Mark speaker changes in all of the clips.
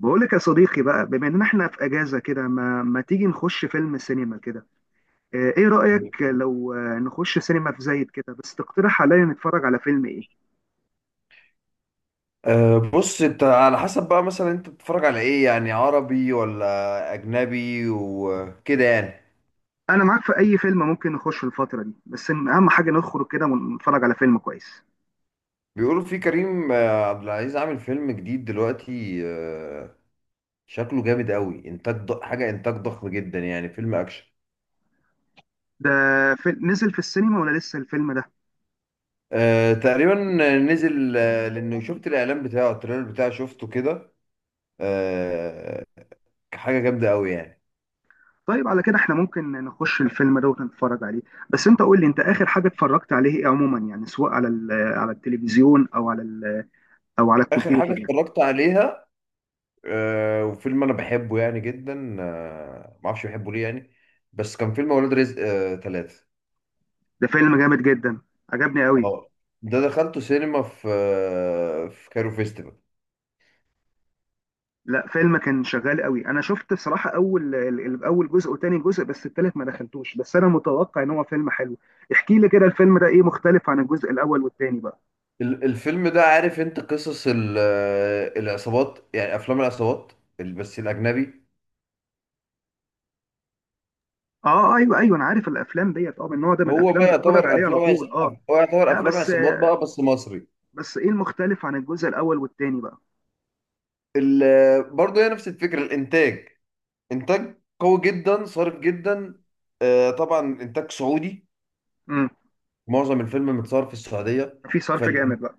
Speaker 1: بقول لك يا صديقي، بقى بما اننا احنا في اجازه كده، ما تيجي نخش فيلم سينما كده؟ آه، ايه رايك لو نخش سينما في زايد كده، بس تقترح عليا نتفرج على فيلم ايه؟
Speaker 2: بص انت على حسب بقى، مثلا انت بتتفرج على ايه؟ يعني عربي ولا اجنبي وكده. يعني
Speaker 1: انا معاك في اي فيلم، ممكن نخش الفتره دي، بس إن اهم حاجه نخرج كده ونتفرج على فيلم كويس.
Speaker 2: بيقولوا في كريم عبد العزيز عامل فيلم جديد دلوقتي. شكله جامد قوي، انتاج حاجة، انتاج ضخم جدا، يعني فيلم اكشن.
Speaker 1: ده نزل في السينما ولا لسه الفيلم ده؟
Speaker 2: أه، تقريبا نزل، لانه شفت الاعلان بتاعه، التريلر بتاعه شفته كده. أه، حاجة جامدة قوي يعني.
Speaker 1: طيب على كده احنا ممكن نخش الفيلم ده ونتفرج عليه. بس انت قول لي، انت اخر حاجه اتفرجت عليه ايه عموما؟ يعني سواء على على التلفزيون او على او على
Speaker 2: اخر حاجة
Speaker 1: الكمبيوتر يعني.
Speaker 2: اتفرجت عليها، وفيلم انا بحبه يعني جدا، ما اعرفش بحبه ليه يعني، بس كان فيلم اولاد رزق ثلاثة.
Speaker 1: ده فيلم جامد جدا، عجبني قوي.
Speaker 2: اه، ده دخلته سينما في كايرو فيستيفال.
Speaker 1: لا، فيلم كان شغال قوي، انا شفت صراحه اول اول جزء وتاني جزء، بس التالت ما دخلتوش، بس انا متوقع ان هو فيلم حلو. احكي لي كده الفيلم ده ايه مختلف عن الجزء الاول والتاني بقى؟
Speaker 2: الفيلم ده، عارف انت قصص العصابات، يعني افلام العصابات، بس الاجنبي.
Speaker 1: اه ايوه ايوه، انا عارف الافلام ديت، اه من النوع ده من
Speaker 2: هو بقى
Speaker 1: الافلام بتفرج
Speaker 2: يعتبر
Speaker 1: عليه على طول، اه.
Speaker 2: هو يعتبر
Speaker 1: لا
Speaker 2: افلام
Speaker 1: بس،
Speaker 2: عصابات بقى، بس مصري.
Speaker 1: بس ايه المختلف عن الجزء الاول والتاني بقى؟
Speaker 2: برضه هي نفس الفكرة، الانتاج انتاج قوي جدا، صارف جدا. طبعا انتاج سعودي،
Speaker 1: امم.
Speaker 2: معظم الفيلم متصور في السعودية.
Speaker 1: في صرف
Speaker 2: فال...
Speaker 1: جامد بقى؟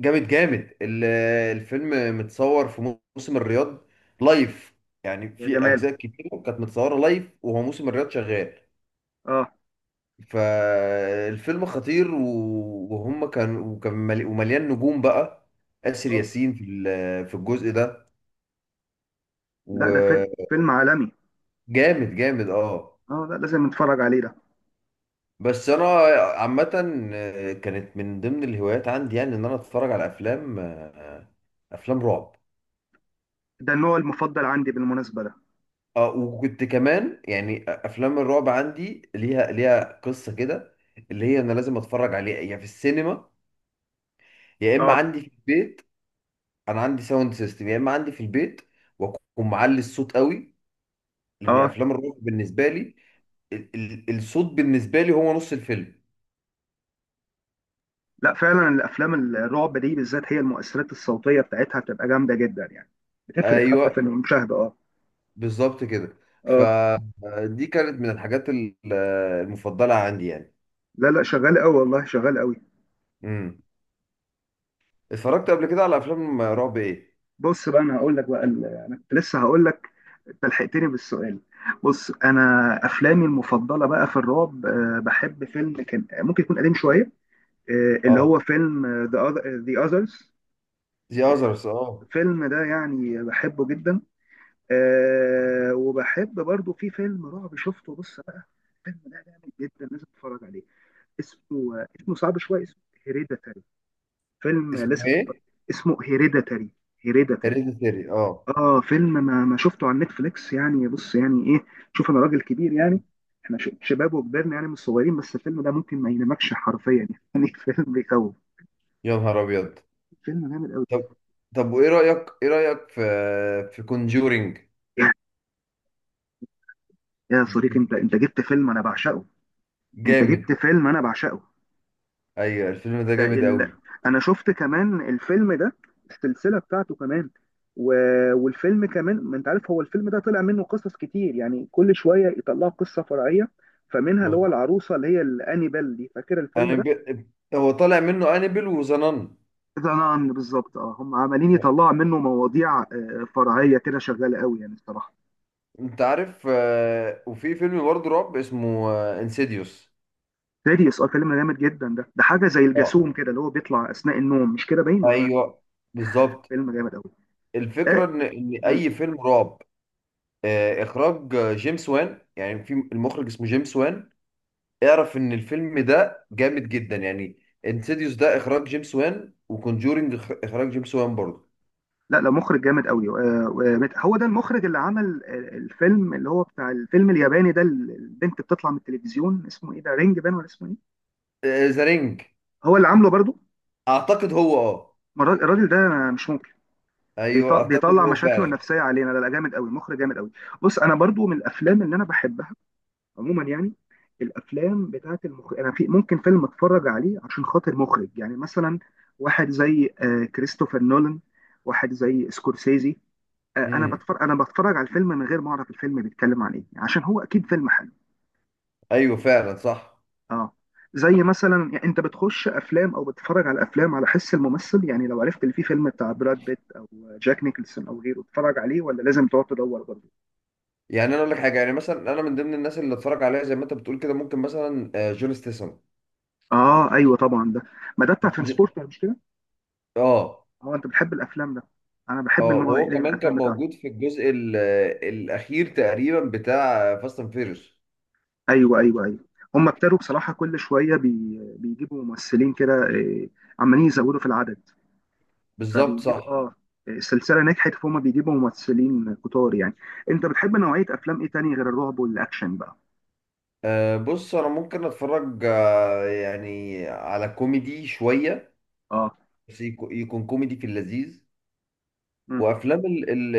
Speaker 2: جامد جامد. الفيلم متصور في موسم الرياض، لايف، يعني
Speaker 1: يا
Speaker 2: في
Speaker 1: جمال،
Speaker 2: أجزاء كتير كانت متصورة لايف وهو موسم الرياض شغال.
Speaker 1: اه.
Speaker 2: فالفيلم خطير، وهم كان ومليان نجوم بقى. آسر
Speaker 1: اه،
Speaker 2: ياسين في في الجزء ده،
Speaker 1: لا ده فيلم،
Speaker 2: وجامد.
Speaker 1: فيلم عالمي.
Speaker 2: جامد اه.
Speaker 1: اه، لا لازم نتفرج عليه ده.
Speaker 2: بس انا عامة، كانت من ضمن الهوايات عندي، يعني ان انا اتفرج على افلام رعب.
Speaker 1: ده النوع المفضل عندي بالمناسبه ده.
Speaker 2: اه، وكنت كمان، يعني افلام الرعب عندي ليها قصه كده، اللي هي انا لازم اتفرج عليها يا في السينما، يا اما
Speaker 1: اه.
Speaker 2: عندي في البيت. انا عندي ساوند سيستم يا اما عندي في البيت، واكون معلي الصوت قوي، لان
Speaker 1: اه،
Speaker 2: افلام الرعب بالنسبه لي، ال ال الصوت بالنسبه لي هو نص الفيلم.
Speaker 1: لا فعلا الافلام الرعب دي بالذات، هي المؤثرات الصوتيه بتاعتها بتبقى جامده جدا يعني، بتفرق حتى في
Speaker 2: ايوه،
Speaker 1: المشاهده، اه.
Speaker 2: بالظبط كده.
Speaker 1: اه،
Speaker 2: فدي كانت من الحاجات المفضله عندي يعني.
Speaker 1: لا لا، شغال قوي، والله شغال قوي.
Speaker 2: امم. اتفرجت قبل كده على افلام رعب ايه؟
Speaker 1: بص بقى، انا هقول لك بقى انا كنت لسه هقول لك، انت لحقتني بالسؤال. بص انا، افلامي المفضله بقى في الرعب، آه، بحب فيلم كان ممكن يكون قديم شويه، آه، اللي هو
Speaker 2: اه،
Speaker 1: فيلم ذا اذرز.
Speaker 2: ذا اذرز، اه.
Speaker 1: الفيلم ده يعني بحبه جدا. آه، وبحب برضو في فيلم رعب شفته، بص بقى، الفيلم ده جامد جدا، لازم تتفرج عليه. اسمه، اسمه صعب شويه، اسمه هيريديتاري. فيلم
Speaker 2: اسمه
Speaker 1: لازم تتفرج.
Speaker 2: ايه؟
Speaker 1: اسمه هيريديتاري. هيريديتاري،
Speaker 2: هيريديتري، اه.
Speaker 1: اه. فيلم ما شفته على نتفليكس يعني، بص يعني ايه، شوف انا راجل كبير يعني، احنا شباب وكبرنا يعني، مش صغيرين، بس الفيلم ده ممكن ما ينامكش حرفيا يعني فيلم بيخوف.
Speaker 2: يا نهار ابيض.
Speaker 1: فيلم جامد قوي.
Speaker 2: طب طب وايه رايك، ايه رايك في في كونجورينج؟
Speaker 1: يا يا صديقي، انت جبت فيلم انا بعشقه. انت
Speaker 2: جامد.
Speaker 1: جبت فيلم انا بعشقه.
Speaker 2: ايوه الفيلم ده
Speaker 1: ده
Speaker 2: جامد قوي.
Speaker 1: انا شفت كمان الفيلم ده، السلسله بتاعته كمان، و... والفيلم كمان، ما انت عارف هو الفيلم ده طلع منه قصص كتير يعني، كل شويه يطلعوا قصه فرعيه، فمنها اللي هو
Speaker 2: مظبوط،
Speaker 1: العروسه اللي هي الانيبال دي، فاكر الفيلم ده؟
Speaker 2: انابيل. هو طالع منه انابيل وزنان.
Speaker 1: ذا نان بالظبط، اه، هم عمالين يطلعوا منه مواضيع، آه، فرعيه كده، شغاله قوي يعني الصراحه.
Speaker 2: انت عارف، وفي فيلم برضه رعب اسمه انسيديوس.
Speaker 1: سيريس، اه فيلم جامد جدا ده، ده حاجه زي
Speaker 2: اه،
Speaker 1: الجاسوم كده، اللي هو بيطلع اثناء النوم، مش كده باين ولا انا؟
Speaker 2: ايوه بالظبط.
Speaker 1: فيلم جامد قوي.
Speaker 2: الفكره ان
Speaker 1: آه.
Speaker 2: اي فيلم رعب، اخراج جيمس وان، يعني في المخرج اسمه جيمس وان، اعرف ان الفيلم ده جامد جدا يعني. انسيديوس ده اخراج جيمس وان، وكونجورينج اخراج جيمس وان برضه.
Speaker 1: لا لا، مخرج جامد قوي، آه، هو ده المخرج اللي عمل، آه، الفيلم اللي هو بتاع الفيلم الياباني ده، اللي البنت بتطلع من التلفزيون، اسمه ايه ده، رينج بان ولا اسمه ايه؟
Speaker 2: ذا رينج.
Speaker 1: هو اللي عامله برضو.
Speaker 2: اعتقد هو، اه.
Speaker 1: ما الراجل، الراجل ده مش ممكن،
Speaker 2: ايوه اعتقد
Speaker 1: بيطلع
Speaker 2: هو
Speaker 1: مشاكله
Speaker 2: فعلا.
Speaker 1: النفسيه علينا، لا لا جامد قوي، مخرج جامد قوي. بص انا برضو من الافلام اللي انا بحبها عموما يعني، الافلام بتاعت المخرج، انا في ممكن فيلم اتفرج عليه عشان خاطر مخرج، يعني مثلا واحد زي، آه، كريستوفر نولان، واحد زي سكورسيزي، آه، انا
Speaker 2: امم.
Speaker 1: بتفرج، انا بتفرج على الفيلم من غير ما اعرف الفيلم بيتكلم عن ايه، عشان هو اكيد فيلم حلو.
Speaker 2: ايوه فعلا صح.
Speaker 1: اه. زي مثلا يعني، انت بتخش افلام او بتتفرج على افلام على حس الممثل يعني، لو عرفت اللي فيه فيلم بتاع براد بيت او جاك نيكلسون او غيره تتفرج عليه ولا لازم تقعد تدور برضه؟
Speaker 2: يعني انا اقول لك حاجه، يعني مثلا انا من ضمن الناس اللي اتفرج عليها زي ما انت بتقول كده، ممكن مثلا جون ستيسون.
Speaker 1: اه ايوه طبعا ده، ما ده بتاع
Speaker 2: ج- ج-
Speaker 1: ترانسبورتر، مش كده؟
Speaker 2: اه.
Speaker 1: اه، انت بتحب الافلام ده، انا بحب
Speaker 2: اه،
Speaker 1: النوع ده، إيه
Speaker 2: وهو كمان كان
Speaker 1: الافلام بتاعته.
Speaker 2: موجود في الجزء الاخير تقريبا، بتاع فاست اند فيريوس.
Speaker 1: ايوه ايوه ايوه، هم ابتدوا بصراحه كل شويه بيجيبوا ممثلين كده، آه، عمالين يزودوا في العدد.
Speaker 2: بالظبط
Speaker 1: فبيجيب
Speaker 2: صح.
Speaker 1: اه، السلسله نجحت، فهم بيجيبوا ممثلين كتار يعني. انت بتحب نوعيه افلام ايه تاني غير الرعب والاكشن بقى؟
Speaker 2: بص انا ممكن اتفرج، يعني على كوميدي شويه،
Speaker 1: اه.
Speaker 2: بس يكون كوميدي في اللذيذ.
Speaker 1: مم.
Speaker 2: وافلام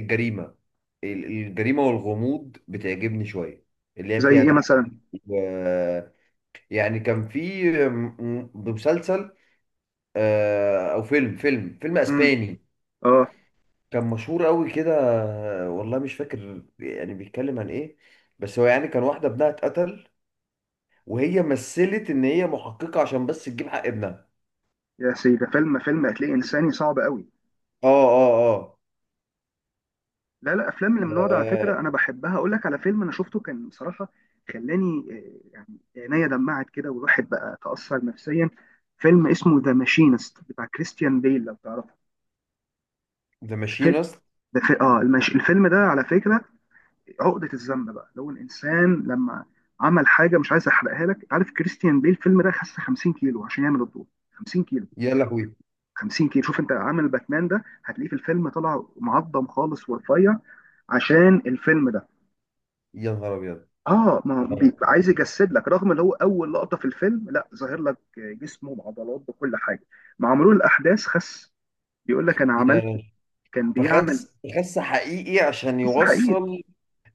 Speaker 2: الجريمه، الجريمه والغموض بتعجبني شويه، اللي هي
Speaker 1: زي
Speaker 2: فيها
Speaker 1: ايه
Speaker 2: تحقيق.
Speaker 1: مثلا؟
Speaker 2: و- يعني كان في مسلسل، او فيلم
Speaker 1: امم،
Speaker 2: اسباني،
Speaker 1: اه.
Speaker 2: كان مشهور قوي كده. والله مش فاكر يعني بيتكلم عن ايه، بس هو يعني كان واحده ابنها اتقتل، وهي مثلت ان هي محققه عشان بس تجيب حق ابنها.
Speaker 1: يا سيدي، ده فيلم، فيلم هتلاقيه انساني صعب قوي.
Speaker 2: اه، اه، اه.
Speaker 1: لا لا، افلام اللي من النوع ده على
Speaker 2: آه،
Speaker 1: فكره انا بحبها، اقول لك على فيلم انا شفته، كان بصراحه خلاني، آه، يعني عينيا دمعت كده، والواحد بقى تاثر نفسيا. فيلم اسمه ذا ماشينست، بتاع كريستيان بيل، لو تعرفه.
Speaker 2: ذا
Speaker 1: الفيلم
Speaker 2: ماشينست.
Speaker 1: ده اه الفيلم ده على فكره عقده الذنب بقى، لو الانسان لما عمل حاجه مش عايز، احرقها لك، عارف كريستيان بيل الفيلم ده خس 50 كيلو عشان يعمل الدور. 50 كيلو.
Speaker 2: يا لهوي.
Speaker 1: 50 كيلو. شوف انت عامل باتمان ده، هتلاقيه في الفيلم طلع معظم خالص ورفيع عشان الفيلم ده.
Speaker 2: يا نهار ابيض.
Speaker 1: اه ما هو
Speaker 2: آه.
Speaker 1: عايز يجسد لك، رغم ان هو اول لقطه في الفيلم لا، ظاهر لك جسمه بعضلات بكل حاجه. مع مرور الاحداث خس، بيقول لك انا عملت،
Speaker 2: يعني
Speaker 1: كان بيعمل،
Speaker 2: فخس حقيقي عشان
Speaker 1: بس حقيقي.
Speaker 2: يوصل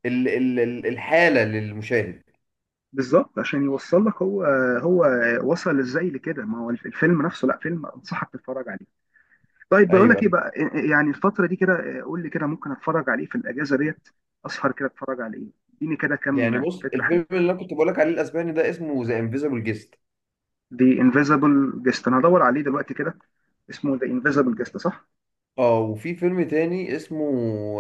Speaker 2: ال ال ال الحاله للمشاهد.
Speaker 1: بالظبط، عشان يوصل لك هو، هو وصل ازاي لكده، ما هو الفيلم نفسه، لا فيلم انصحك تتفرج عليه. طيب بقول
Speaker 2: ايوه،
Speaker 1: لك ايه
Speaker 2: أيوة.
Speaker 1: بقى، إيه، إيه، يعني الفتره دي كده، إيه، قول لي كده ممكن اتفرج عليه في الاجازه ديت، اسهر كده اتفرج على ايه، اديني كده
Speaker 2: يعني
Speaker 1: كام
Speaker 2: بص،
Speaker 1: فكره حلوه.
Speaker 2: الفيلم اللي انا كنت بقول لك عليه الاسباني ده اسمه ذا انفيزبل جيست.
Speaker 1: دي انفيزبل جيست، انا هدور عليه دلوقتي كده. اسمه ذا انفيزبل جيست، صح؟
Speaker 2: اه، وفي فيلم تاني اسمه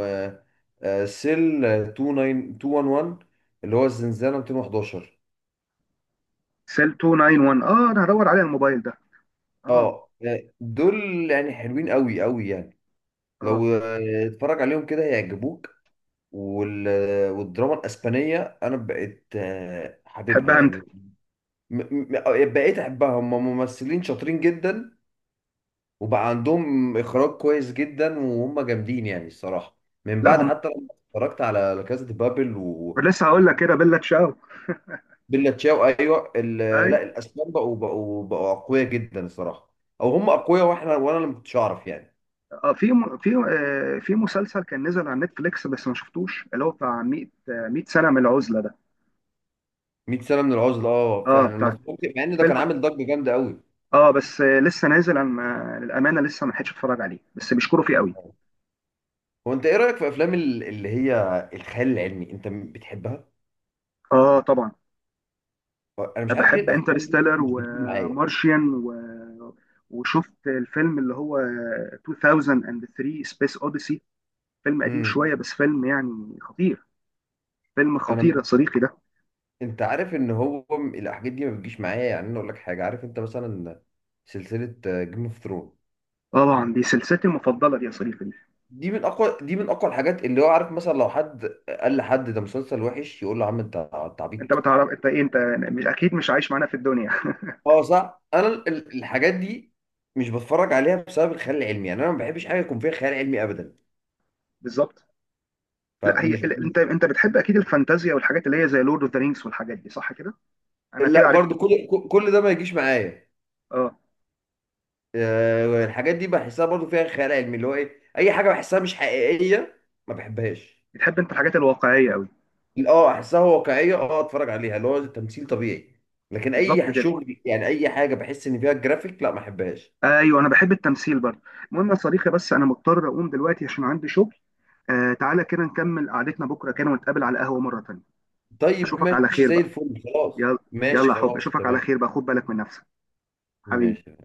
Speaker 2: آه، سيل 29211، اللي هو الزنزانه 211.
Speaker 1: سيل 291، اه انا هدور عليه على الموبايل ده،
Speaker 2: اه،
Speaker 1: اه.
Speaker 2: دول يعني حلوين قوي قوي يعني،
Speaker 1: اه.
Speaker 2: لو اتفرج عليهم كده هيعجبوك. وال... والدراما الاسبانيه انا بقيت، حاببها
Speaker 1: تحبها انت.
Speaker 2: يعني. م... بقيت احبها. هم ممثلين شاطرين جدا، وبقى عندهم اخراج كويس جدا، وهم جامدين يعني الصراحه. من
Speaker 1: لا
Speaker 2: بعد،
Speaker 1: هم،
Speaker 2: حتى لما اتفرجت على لا كاسا دي بابل
Speaker 1: لسه هقول
Speaker 2: و...
Speaker 1: لك كده، بيلا تشاو.
Speaker 2: بيلا تشاو. ايوه لا، الاسبان بقوا اقوياء جدا الصراحه. او هم اقوياء واحنا، وانا اللي ما كنتش اعرف يعني.
Speaker 1: اه، في في، آه، في مسلسل كان نزل على نتفليكس بس ما شفتوش، اللي هو بتاع 100، آه، 100 سنة من العزلة ده.
Speaker 2: 100 سنه من العزله، اه
Speaker 1: اه
Speaker 2: فعلا لما
Speaker 1: بتاع
Speaker 2: مع ان ده
Speaker 1: الفيلم،
Speaker 2: كان عامل ضجه جامده قوي.
Speaker 1: اه بس، آه، لسه نازل، انا للأمانة لسه ما لحقتش اتفرج عليه، بس بيشكروا فيه قوي.
Speaker 2: هو انت ايه رايك في افلام اللي هي الخيال العلمي، انت بتحبها؟
Speaker 1: اه طبعا.
Speaker 2: انا مش
Speaker 1: أنا
Speaker 2: عارف ليه
Speaker 1: بحب
Speaker 2: الافلام دي
Speaker 1: انترستيلر
Speaker 2: مش بتيجي معايا.
Speaker 1: ومارشيان و... وشفت الفيلم اللي هو 2003 سبيس اوديسي، فيلم قديم
Speaker 2: امم.
Speaker 1: شوية، بس فيلم يعني خطير. فيلم
Speaker 2: انا
Speaker 1: خطير يا
Speaker 2: م-
Speaker 1: صديقي ده.
Speaker 2: انت عارف ان الحاجات دي ما بتجيش معايا، يعني انا اقول لك حاجه، عارف انت مثلا سلسله جيم اوف ثرون؟
Speaker 1: طبعا، دي سلسلتي المفضلة دي يا صديقي.
Speaker 2: دي من اقوى الحاجات، اللي هو عارف مثلا لو حد قال لحد ده مسلسل وحش يقول له يا عم انت
Speaker 1: انت
Speaker 2: عبيط.
Speaker 1: ما تعرف انت ايه، انت مش اكيد مش عايش معانا في الدنيا
Speaker 2: اه، صح انا الحاجات دي مش بتفرج عليها بسبب الخيال العلمي، يعني انا ما بحبش حاجه يكون فيها خيال علمي ابدا.
Speaker 1: بالظبط. لا هي
Speaker 2: فمش
Speaker 1: انت بتحب اكيد الفانتازيا والحاجات اللي هي زي لورد اوف ذا رينجز والحاجات دي، صح كده؟ انا كده
Speaker 2: لا
Speaker 1: عرفت.
Speaker 2: برضو كل ده ما يجيش معايا.
Speaker 1: اه.
Speaker 2: الحاجات دي بحسها برضو فيها خيال علمي، اللي هو ايه، اي حاجه بحسها مش حقيقيه ما بحبهاش.
Speaker 1: بتحب انت الحاجات الواقعيه قوي.
Speaker 2: اه احسها واقعيه، اه اتفرج عليها اللي هو تمثيل طبيعي، لكن
Speaker 1: بالظبط
Speaker 2: اي
Speaker 1: كده.
Speaker 2: شغل يعني اي حاجه بحس ان فيها جرافيك، لا ما احبهاش.
Speaker 1: ايوه، انا بحب التمثيل برضه. المهم يا صديقي، بس انا مضطر اقوم دلوقتي عشان عندي شغل. آه تعالى كده نكمل قعدتنا بكره كده، ونتقابل على قهوه مره تانيه.
Speaker 2: طيب
Speaker 1: اشوفك على
Speaker 2: ماشي
Speaker 1: خير
Speaker 2: زي
Speaker 1: بقى.
Speaker 2: الفل، خلاص
Speaker 1: يلا، يلا،
Speaker 2: ماشي،
Speaker 1: يا حب
Speaker 2: خلاص
Speaker 1: اشوفك على
Speaker 2: تمام
Speaker 1: خير بقى، خد بالك من نفسك حبيبي.
Speaker 2: ماشي.